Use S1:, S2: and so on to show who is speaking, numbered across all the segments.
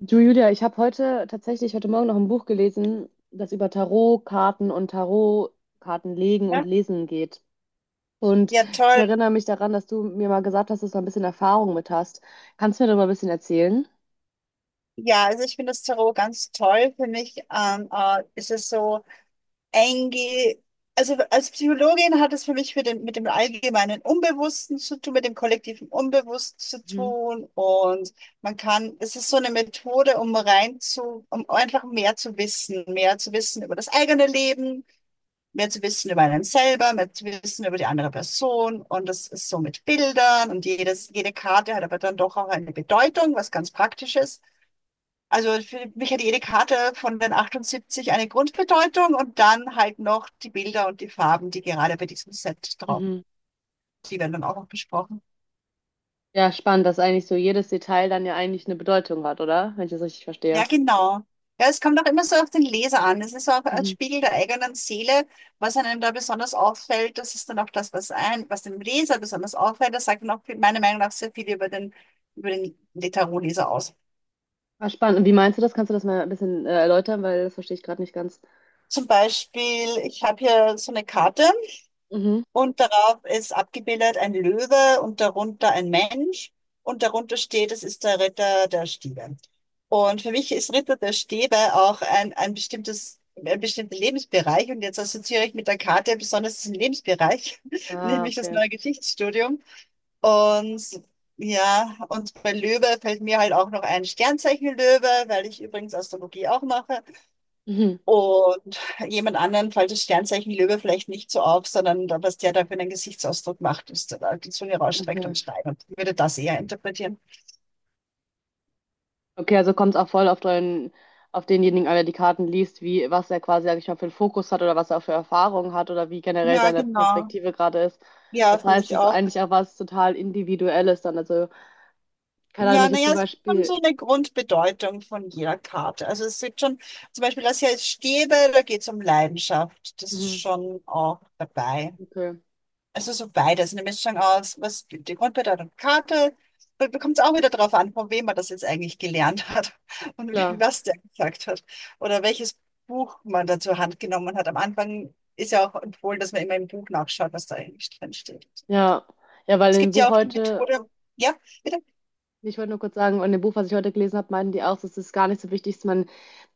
S1: Du Julia, ich habe heute tatsächlich heute Morgen noch ein Buch gelesen, das über Tarotkarten und Tarotkarten legen und
S2: Ja,
S1: lesen geht. Und
S2: ja,
S1: ich
S2: toll.
S1: erinnere mich daran, dass du mir mal gesagt hast, dass du ein bisschen Erfahrung mit hast. Kannst du mir da mal ein bisschen erzählen?
S2: Ja, also ich finde das Tarot ganz toll. Für mich ist es so einge... Also als Psychologin hat es für mich mit dem allgemeinen Unbewussten zu tun, mit dem kollektiven Unbewussten zu
S1: Mhm.
S2: tun. Und man kann, es ist so eine Methode, um einfach mehr zu wissen über das eigene Leben, mehr zu wissen über einen selber, mehr zu wissen über die andere Person. Und das ist so mit Bildern und jede Karte hat aber dann doch auch eine Bedeutung, was ganz praktisch ist. Also für mich hat jede Karte von den 78 eine Grundbedeutung und dann halt noch die Bilder und die Farben, die gerade bei diesem Set drauf,
S1: Mhm.
S2: die werden dann auch noch besprochen.
S1: Ja, spannend, dass eigentlich so jedes Detail dann ja eigentlich eine Bedeutung hat, oder? Wenn ich das richtig
S2: Ja,
S1: verstehe.
S2: genau. Ja, es kommt auch immer so auf den Leser an. Es ist auch ein
S1: Mhm.
S2: Spiegel der eigenen Seele, was einem da besonders auffällt. Das ist dann auch das, was ein, was dem Leser besonders auffällt. Das sagt dann auch meiner Meinung nach sehr viel über den, über den Tarotleser aus.
S1: Ah, spannend. Und wie meinst du das? Kannst du das mal ein bisschen erläutern? Weil das verstehe ich gerade nicht ganz.
S2: Zum Beispiel, ich habe hier so eine Karte.
S1: Mhm.
S2: Und darauf ist abgebildet ein Löwe und darunter ein Mensch. Und darunter steht, es ist der Ritter der Stäbe. Und für mich ist Ritter der Stäbe auch ein bestimmter Lebensbereich. Und jetzt assoziiere ich mit der Karte besonders diesen Lebensbereich,
S1: Ah,
S2: nämlich das
S1: okay.
S2: neue Geschichtsstudium. Und ja, und bei Löwe fällt mir halt auch noch ein Sternzeichen Löwe, weil ich übrigens Astrologie auch mache.
S1: Mhm.
S2: Und jemand anderen fällt das Sternzeichen Löwe vielleicht nicht so auf, sondern was der da für einen Gesichtsausdruck macht, ist da die Zunge rausstreckt
S1: Okay.
S2: und schreit und ich würde das eher interpretieren.
S1: Okay, also kommt es auch voll auf den, auf denjenigen, an, der die Karten liest, wie, was er quasi, sag ich mal, für einen Fokus hat oder was er für Erfahrungen hat oder wie generell
S2: Ja,
S1: seine
S2: genau.
S1: Perspektive gerade ist.
S2: Ja,
S1: Das
S2: finde
S1: heißt,
S2: ich
S1: es ist
S2: auch.
S1: eigentlich auch was total Individuelles dann. Also, keine Ahnung, wenn
S2: Ja,
S1: ich jetzt
S2: naja,
S1: zum
S2: es ist schon
S1: Beispiel.
S2: so eine Grundbedeutung von jeder Karte. Also es sind schon, zum Beispiel das hier ist Stäbe, da geht es um Leidenschaft. Das ist
S1: Mhm.
S2: schon auch dabei.
S1: Okay,
S2: Also so beides, eine Mischung aus, was die Grundbedeutung Karte, da kommt es auch wieder darauf an, von wem man das jetzt eigentlich gelernt hat und
S1: klar.
S2: was der gesagt hat oder welches Buch man da zur Hand genommen hat. Am Anfang ist ja auch empfohlen, dass man immer im Buch nachschaut, was da eigentlich drin steht.
S1: Ja. Ja, weil
S2: Es
S1: im
S2: gibt
S1: Buch
S2: ja auch die
S1: heute.
S2: Methode, ja, bitte.
S1: Ich wollte nur kurz sagen, in dem Buch, was ich heute gelesen habe, meinten die auch, es ist gar nicht so wichtig, dass man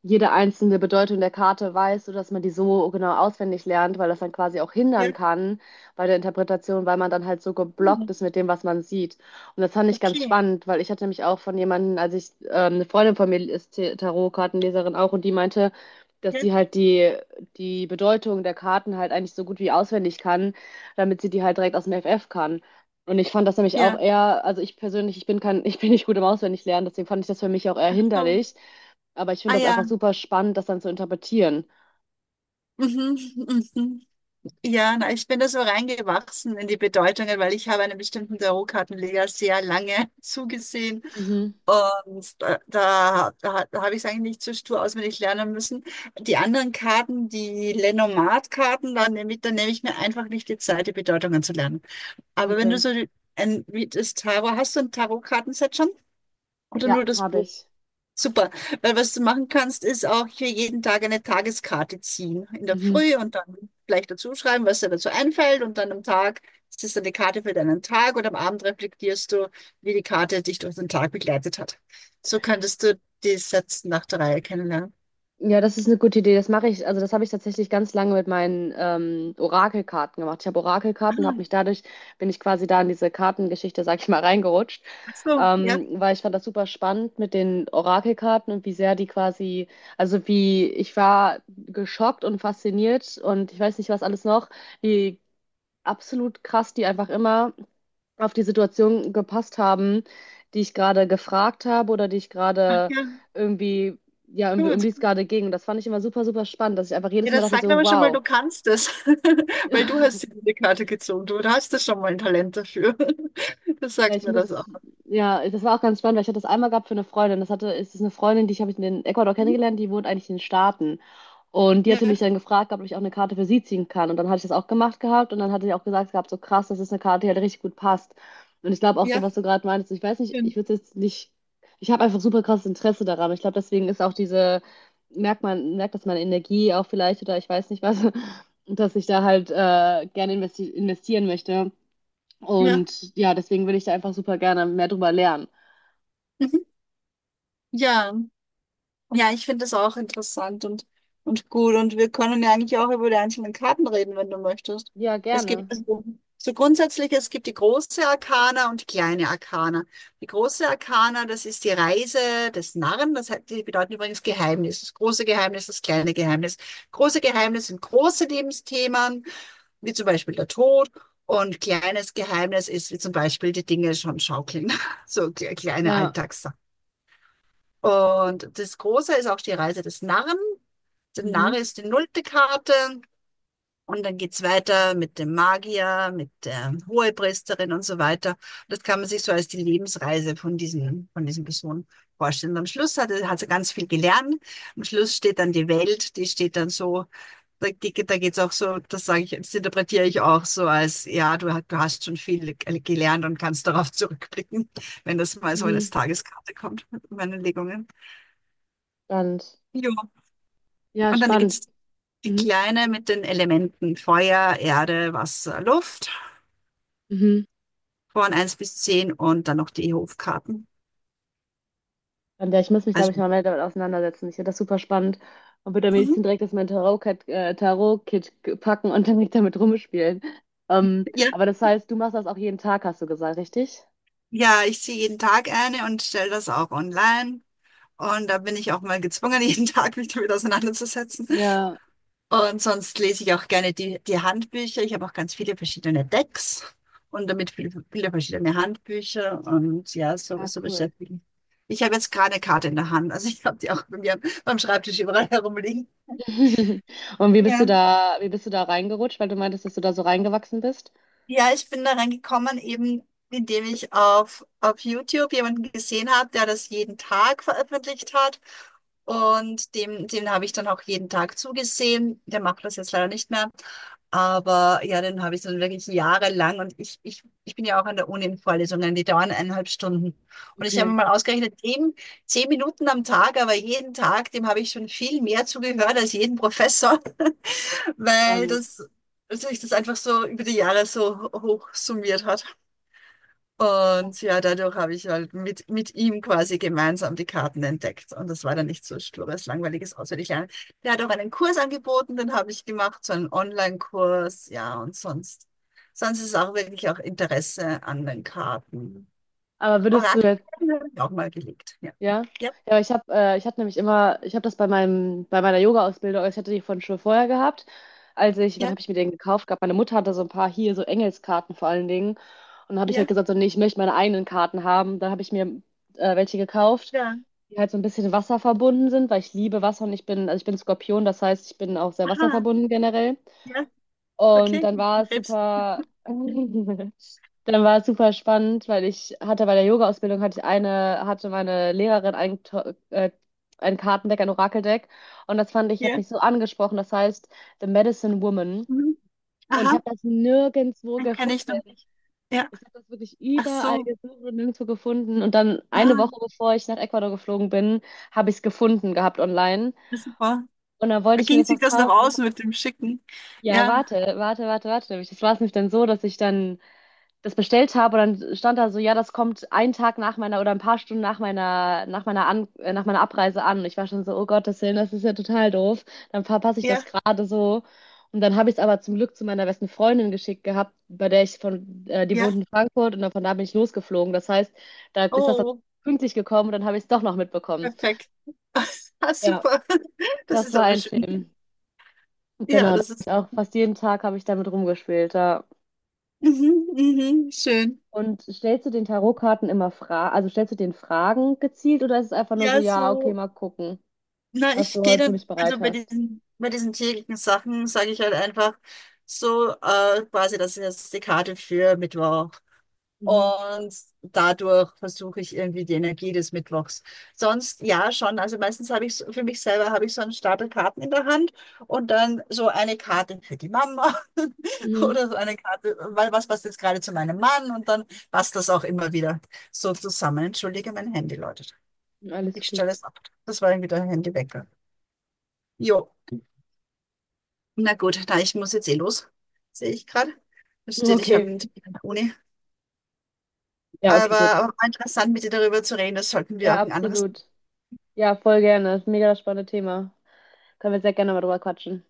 S1: jede einzelne Bedeutung der Karte weiß oder dass man die so genau auswendig lernt, weil das dann quasi auch hindern
S2: Ja,
S1: kann bei der Interpretation, weil man dann halt so geblockt
S2: hm,
S1: ist mit dem, was man sieht. Und das fand ich ganz
S2: okay.
S1: spannend, weil ich hatte mich auch von jemandem, als ich, eine Freundin von mir ist Tarotkartenleserin auch, und die meinte, dass
S2: Ja,
S1: sie halt die Bedeutung der Karten halt eigentlich so gut wie auswendig kann, damit sie die halt direkt aus dem FF kann. Und ich fand das nämlich auch
S2: ja,
S1: eher, also ich persönlich, ich bin kein, ich bin nicht gut im Auswendiglernen, deswegen fand ich das für mich auch eher
S2: so.
S1: hinderlich. Aber ich finde
S2: Ah
S1: das einfach
S2: ja.
S1: super spannend, das dann zu interpretieren.
S2: Mhm, mhm. Ja, na, ich bin da so reingewachsen in die Bedeutungen, weil ich habe einem bestimmten Tarotkartenleger sehr lange zugesehen
S1: Mhm.
S2: und da habe ich es eigentlich nicht so stur auswendig lernen müssen. Die anderen Karten, die Lenormand-Karten, da nehme ich mir einfach nicht die Zeit, die Bedeutungen zu lernen. Aber wenn du
S1: Okay.
S2: so wie das Tarot, hast du ein Tarotkartenset schon? Oder
S1: Ja,
S2: nur das
S1: habe
S2: Buch?
S1: ich.
S2: Super, weil was du machen kannst, ist auch hier jeden Tag eine Tageskarte ziehen. In der
S1: Mhm.
S2: Früh und dann vielleicht dazu schreiben, was dir dazu einfällt. Und dann am Tag ist es dann die Karte für deinen Tag und am Abend reflektierst du, wie die Karte dich durch den Tag begleitet hat. So könntest du die Sätze nach der Reihe kennenlernen.
S1: Ja, das ist eine gute Idee. Das mache ich, also das habe ich tatsächlich ganz lange mit meinen Orakelkarten gemacht. Ich habe
S2: Ah,
S1: Orakelkarten, habe mich dadurch, bin ich quasi da in diese Kartengeschichte, sag ich mal, reingerutscht.
S2: ach so, ja.
S1: Weil ich fand das super spannend mit den Orakelkarten und wie sehr die quasi, also wie, ich war geschockt und fasziniert und ich weiß nicht, was alles noch, wie absolut krass die einfach immer auf die Situation gepasst haben, die ich gerade gefragt habe oder die ich
S2: Ach
S1: gerade
S2: ja,
S1: irgendwie, ja, irgendwie, um
S2: gut.
S1: die es gerade ging. Und das fand ich immer super, super spannend, dass ich einfach
S2: Ja,
S1: jedes Mal
S2: das
S1: dachte
S2: sagt
S1: so,
S2: aber schon mal,
S1: wow.
S2: du kannst es, weil du hast dir diese Karte gezogen. Du hast da schon mal ein Talent dafür. Das
S1: Ja,
S2: sagt
S1: ich
S2: mir das auch.
S1: muss, ja, das war auch ganz spannend, weil ich hatte das einmal gehabt für eine Freundin. Das hatte, es ist eine Freundin, die ich habe ich in Ecuador
S2: Mhm.
S1: kennengelernt, die wohnt eigentlich in den Staaten. Und die
S2: Ja,
S1: hatte mich dann gefragt, ob ich auch eine Karte für sie ziehen kann. Und dann hatte ich das auch gemacht gehabt und dann hatte ich auch gesagt gehabt, so krass, das ist eine Karte, die halt richtig gut passt. Und ich glaube auch so,
S2: ja,
S1: was du gerade meintest, ich weiß nicht, ich
S2: schön.
S1: würde jetzt nicht, ich habe einfach super krasses Interesse daran. Ich glaube, deswegen ist auch diese, merkt man, merkt das meine Energie auch vielleicht oder ich weiß nicht was, dass ich da halt gerne investieren möchte.
S2: Ja.
S1: Und ja, deswegen will ich da einfach super gerne mehr drüber lernen.
S2: Mhm. Ja, ja, ich finde das auch interessant und gut. Und wir können ja eigentlich auch über die einzelnen Karten reden, wenn du möchtest.
S1: Ja,
S2: Es
S1: gerne.
S2: gibt so grundsätzlich, es gibt die große Arkana und die kleine Arkana. Die große Arkana, das ist die Reise des Narren. Das hat, die bedeuten übrigens Geheimnis. Das große Geheimnis, das kleine Geheimnis. Große Geheimnis sind große Lebensthemen, wie zum Beispiel der Tod. Und kleines Geheimnis ist, wie zum Beispiel die Dinge schon schaukeln. So kleine
S1: Ja.
S2: Alltags. Und das Große ist auch die Reise des Narren. Der Narr
S1: Mhm.
S2: ist die nullte Karte. Und dann geht's weiter mit dem Magier, mit der Hohepriesterin und so weiter. Das kann man sich so als die Lebensreise von diesen Personen vorstellen. Und am Schluss hat sie ganz viel gelernt. Am Schluss steht dann die Welt, die steht dann so, da, die, da geht's auch so, das sage ich, das interpretiere ich auch so als, ja, du, du hast schon viel gelernt und kannst darauf zurückblicken, wenn das mal so in als
S1: Mhm.
S2: Tageskarte kommt, meine Legungen.
S1: Spannend.
S2: Jo.
S1: Ja,
S2: Und dann
S1: spannend.
S2: gibt's die
S1: Mhm.
S2: kleine mit den Elementen Feuer, Erde, Wasser, Luft
S1: Mhm.
S2: von 1 bis 10 und dann noch die Hofkarten.
S1: Und ja, ich muss mich, glaube ich,
S2: Also.
S1: mal mehr damit auseinandersetzen. Ich finde das super spannend und würde am
S2: Mhm.
S1: liebsten direkt aus meinem Tarot-Kit packen und dann direkt damit rumspielen.
S2: Ja,
S1: Aber das heißt, du machst das auch jeden Tag, hast du gesagt, richtig?
S2: ja, ich ziehe jeden Tag eine und stelle das auch online. Und da bin ich auch mal gezwungen, jeden Tag mich damit auseinanderzusetzen.
S1: Ja.
S2: Und sonst lese ich auch gerne die Handbücher. Ich habe auch ganz viele verschiedene Decks und damit viele, viele verschiedene Handbücher. Und ja, so,
S1: Ah,
S2: so
S1: cool.
S2: beschäftigen. Ich habe jetzt gerade eine Karte in der Hand. Also ich habe die auch bei mir beim Schreibtisch überall herumliegen.
S1: Und wie bist du
S2: Ja,
S1: da, wie bist du da reingerutscht, weil du meintest, dass du da so reingewachsen bist?
S2: ja, ich bin da reingekommen, eben indem ich auf YouTube jemanden gesehen habe, der das jeden Tag veröffentlicht hat. Und dem habe ich dann auch jeden Tag zugesehen. Der macht das jetzt leider nicht mehr. Aber ja, den habe ich dann wirklich jahrelang. Und ich bin ja auch an der Uni in Vorlesungen, die dauern 1,5 Stunden. Und ich habe
S1: Okay,
S2: mal ausgerechnet, dem 10 Minuten am Tag, aber jeden Tag, dem habe ich schon viel mehr zugehört als jeden Professor. Weil
S1: spannend.
S2: das sich das einfach so über die Jahre so hoch summiert hat. Und ja, dadurch habe ich halt mit ihm quasi gemeinsam die Karten entdeckt. Und das war dann nicht so stures, langweiliges Auswendiglernen. Der hat auch einen Kurs angeboten, den habe ich gemacht, so einen Online-Kurs, ja, und sonst. Sonst ist auch wirklich auch Interesse an den Karten.
S1: Aber würdest du jetzt
S2: Orakelkarten habe ich auch mal gelegt, ja.
S1: ja,
S2: Ja,
S1: ja, aber ich habe ich hatte nämlich immer, ich habe das bei meinem bei meiner Yoga-Ausbildung, also ich hatte die von schon vorher gehabt. Als ich, wann
S2: ja,
S1: habe ich mir den gekauft gehabt? Meine Mutter hatte so ein paar hier so Engelskarten vor allen Dingen und dann habe ich
S2: ja,
S1: halt gesagt, so nee, ich möchte meine eigenen Karten haben. Dann habe ich mir welche gekauft,
S2: ja.
S1: die halt so ein bisschen Wasser verbunden sind, weil ich liebe Wasser und ich bin, also ich bin Skorpion, das heißt, ich bin auch sehr
S2: Aha,
S1: wasserverbunden generell.
S2: ja,
S1: Und
S2: okay.
S1: dann war es
S2: Krebs,
S1: super. Dann war es super spannend, weil ich hatte bei der Yoga-Ausbildung hatte ich eine, hatte meine Lehrerin ein, ein Kartendeck, ein Orakeldeck. Und das fand ich, hat
S2: ja.
S1: mich so angesprochen. Das heißt The Medicine Woman.
S2: Mhm.
S1: Und ich
S2: Aha.
S1: habe das nirgendwo
S2: Den kenne ich noch
S1: gefunden.
S2: nicht. Ja,
S1: Ich habe das wirklich
S2: ach
S1: überall
S2: so.
S1: gesucht und nirgendwo gefunden. Und dann eine
S2: Ah,
S1: Woche bevor ich nach Ecuador geflogen bin, habe ich es gefunden gehabt online.
S2: ja, super.
S1: Und dann wollte
S2: Da
S1: ich mir
S2: ging
S1: das
S2: sich
S1: noch
S2: das noch
S1: kaufen.
S2: aus mit dem Schicken.
S1: Ja,
S2: Ja,
S1: warte, warte, warte, warte. Das war es nämlich dann so, dass ich dann das bestellt habe und dann stand da so, ja, das kommt einen Tag nach meiner oder ein paar Stunden nach meiner, an, nach meiner Abreise an. Und ich war schon so, oh Gottes Willen, das ist ja total doof. Dann verpasse ich das
S2: ja,
S1: gerade so. Und dann habe ich es aber zum Glück zu meiner besten Freundin geschickt gehabt, bei der ich von, die wohnt
S2: ja.
S1: in Frankfurt und dann von da bin ich losgeflogen. Das heißt, da ist das dann
S2: Oh,
S1: pünktlich gekommen und dann habe ich es doch noch mitbekommen.
S2: perfekt. Ah,
S1: Ja.
S2: super. Das
S1: Das
S2: ist
S1: war
S2: aber
S1: ein
S2: schön.
S1: Film.
S2: Ja,
S1: Genau, da hab
S2: das
S1: ich
S2: ist.
S1: auch fast jeden Tag habe ich damit rumgespielt. Ja.
S2: Mhm, mhm, schön.
S1: Und stellst du den Tarotkarten immer Fragen, also stellst du den Fragen gezielt oder ist es einfach nur so,
S2: Ja,
S1: ja, okay,
S2: so.
S1: mal gucken,
S2: Na,
S1: was
S2: ich
S1: du
S2: gehe
S1: heute für
S2: dann,
S1: mich bereit
S2: also
S1: hast?
S2: bei diesen täglichen Sachen sage ich halt einfach so, quasi, das ist jetzt die Karte für Mittwoch.
S1: Mhm.
S2: Und dadurch versuche ich irgendwie die Energie des Mittwochs. Sonst ja schon. Also meistens habe ich für mich selber habe ich so einen Stapel Karten in der Hand und dann so eine Karte für die Mama
S1: Mhm.
S2: oder so eine Karte, weil was passt jetzt gerade zu meinem Mann und dann passt das auch immer wieder so zusammen. Entschuldige, mein Handy läutet.
S1: Alles
S2: Ich
S1: gut.
S2: stelle es ab. Das war irgendwie der Handywecker. Jo, na gut, na, ich muss jetzt eh los. Sehe ich gerade. Da steht, ich habe
S1: Okay.
S2: einen Termin an der Uni.
S1: Ja, okay,
S2: Aber,
S1: gut.
S2: aber war interessant, mit dir darüber zu reden. Das sollten wir
S1: Ja,
S2: auch ein anderes
S1: absolut. Ja, voll gerne. Das ist ein mega spannendes Thema. Können wir sehr gerne mal drüber quatschen.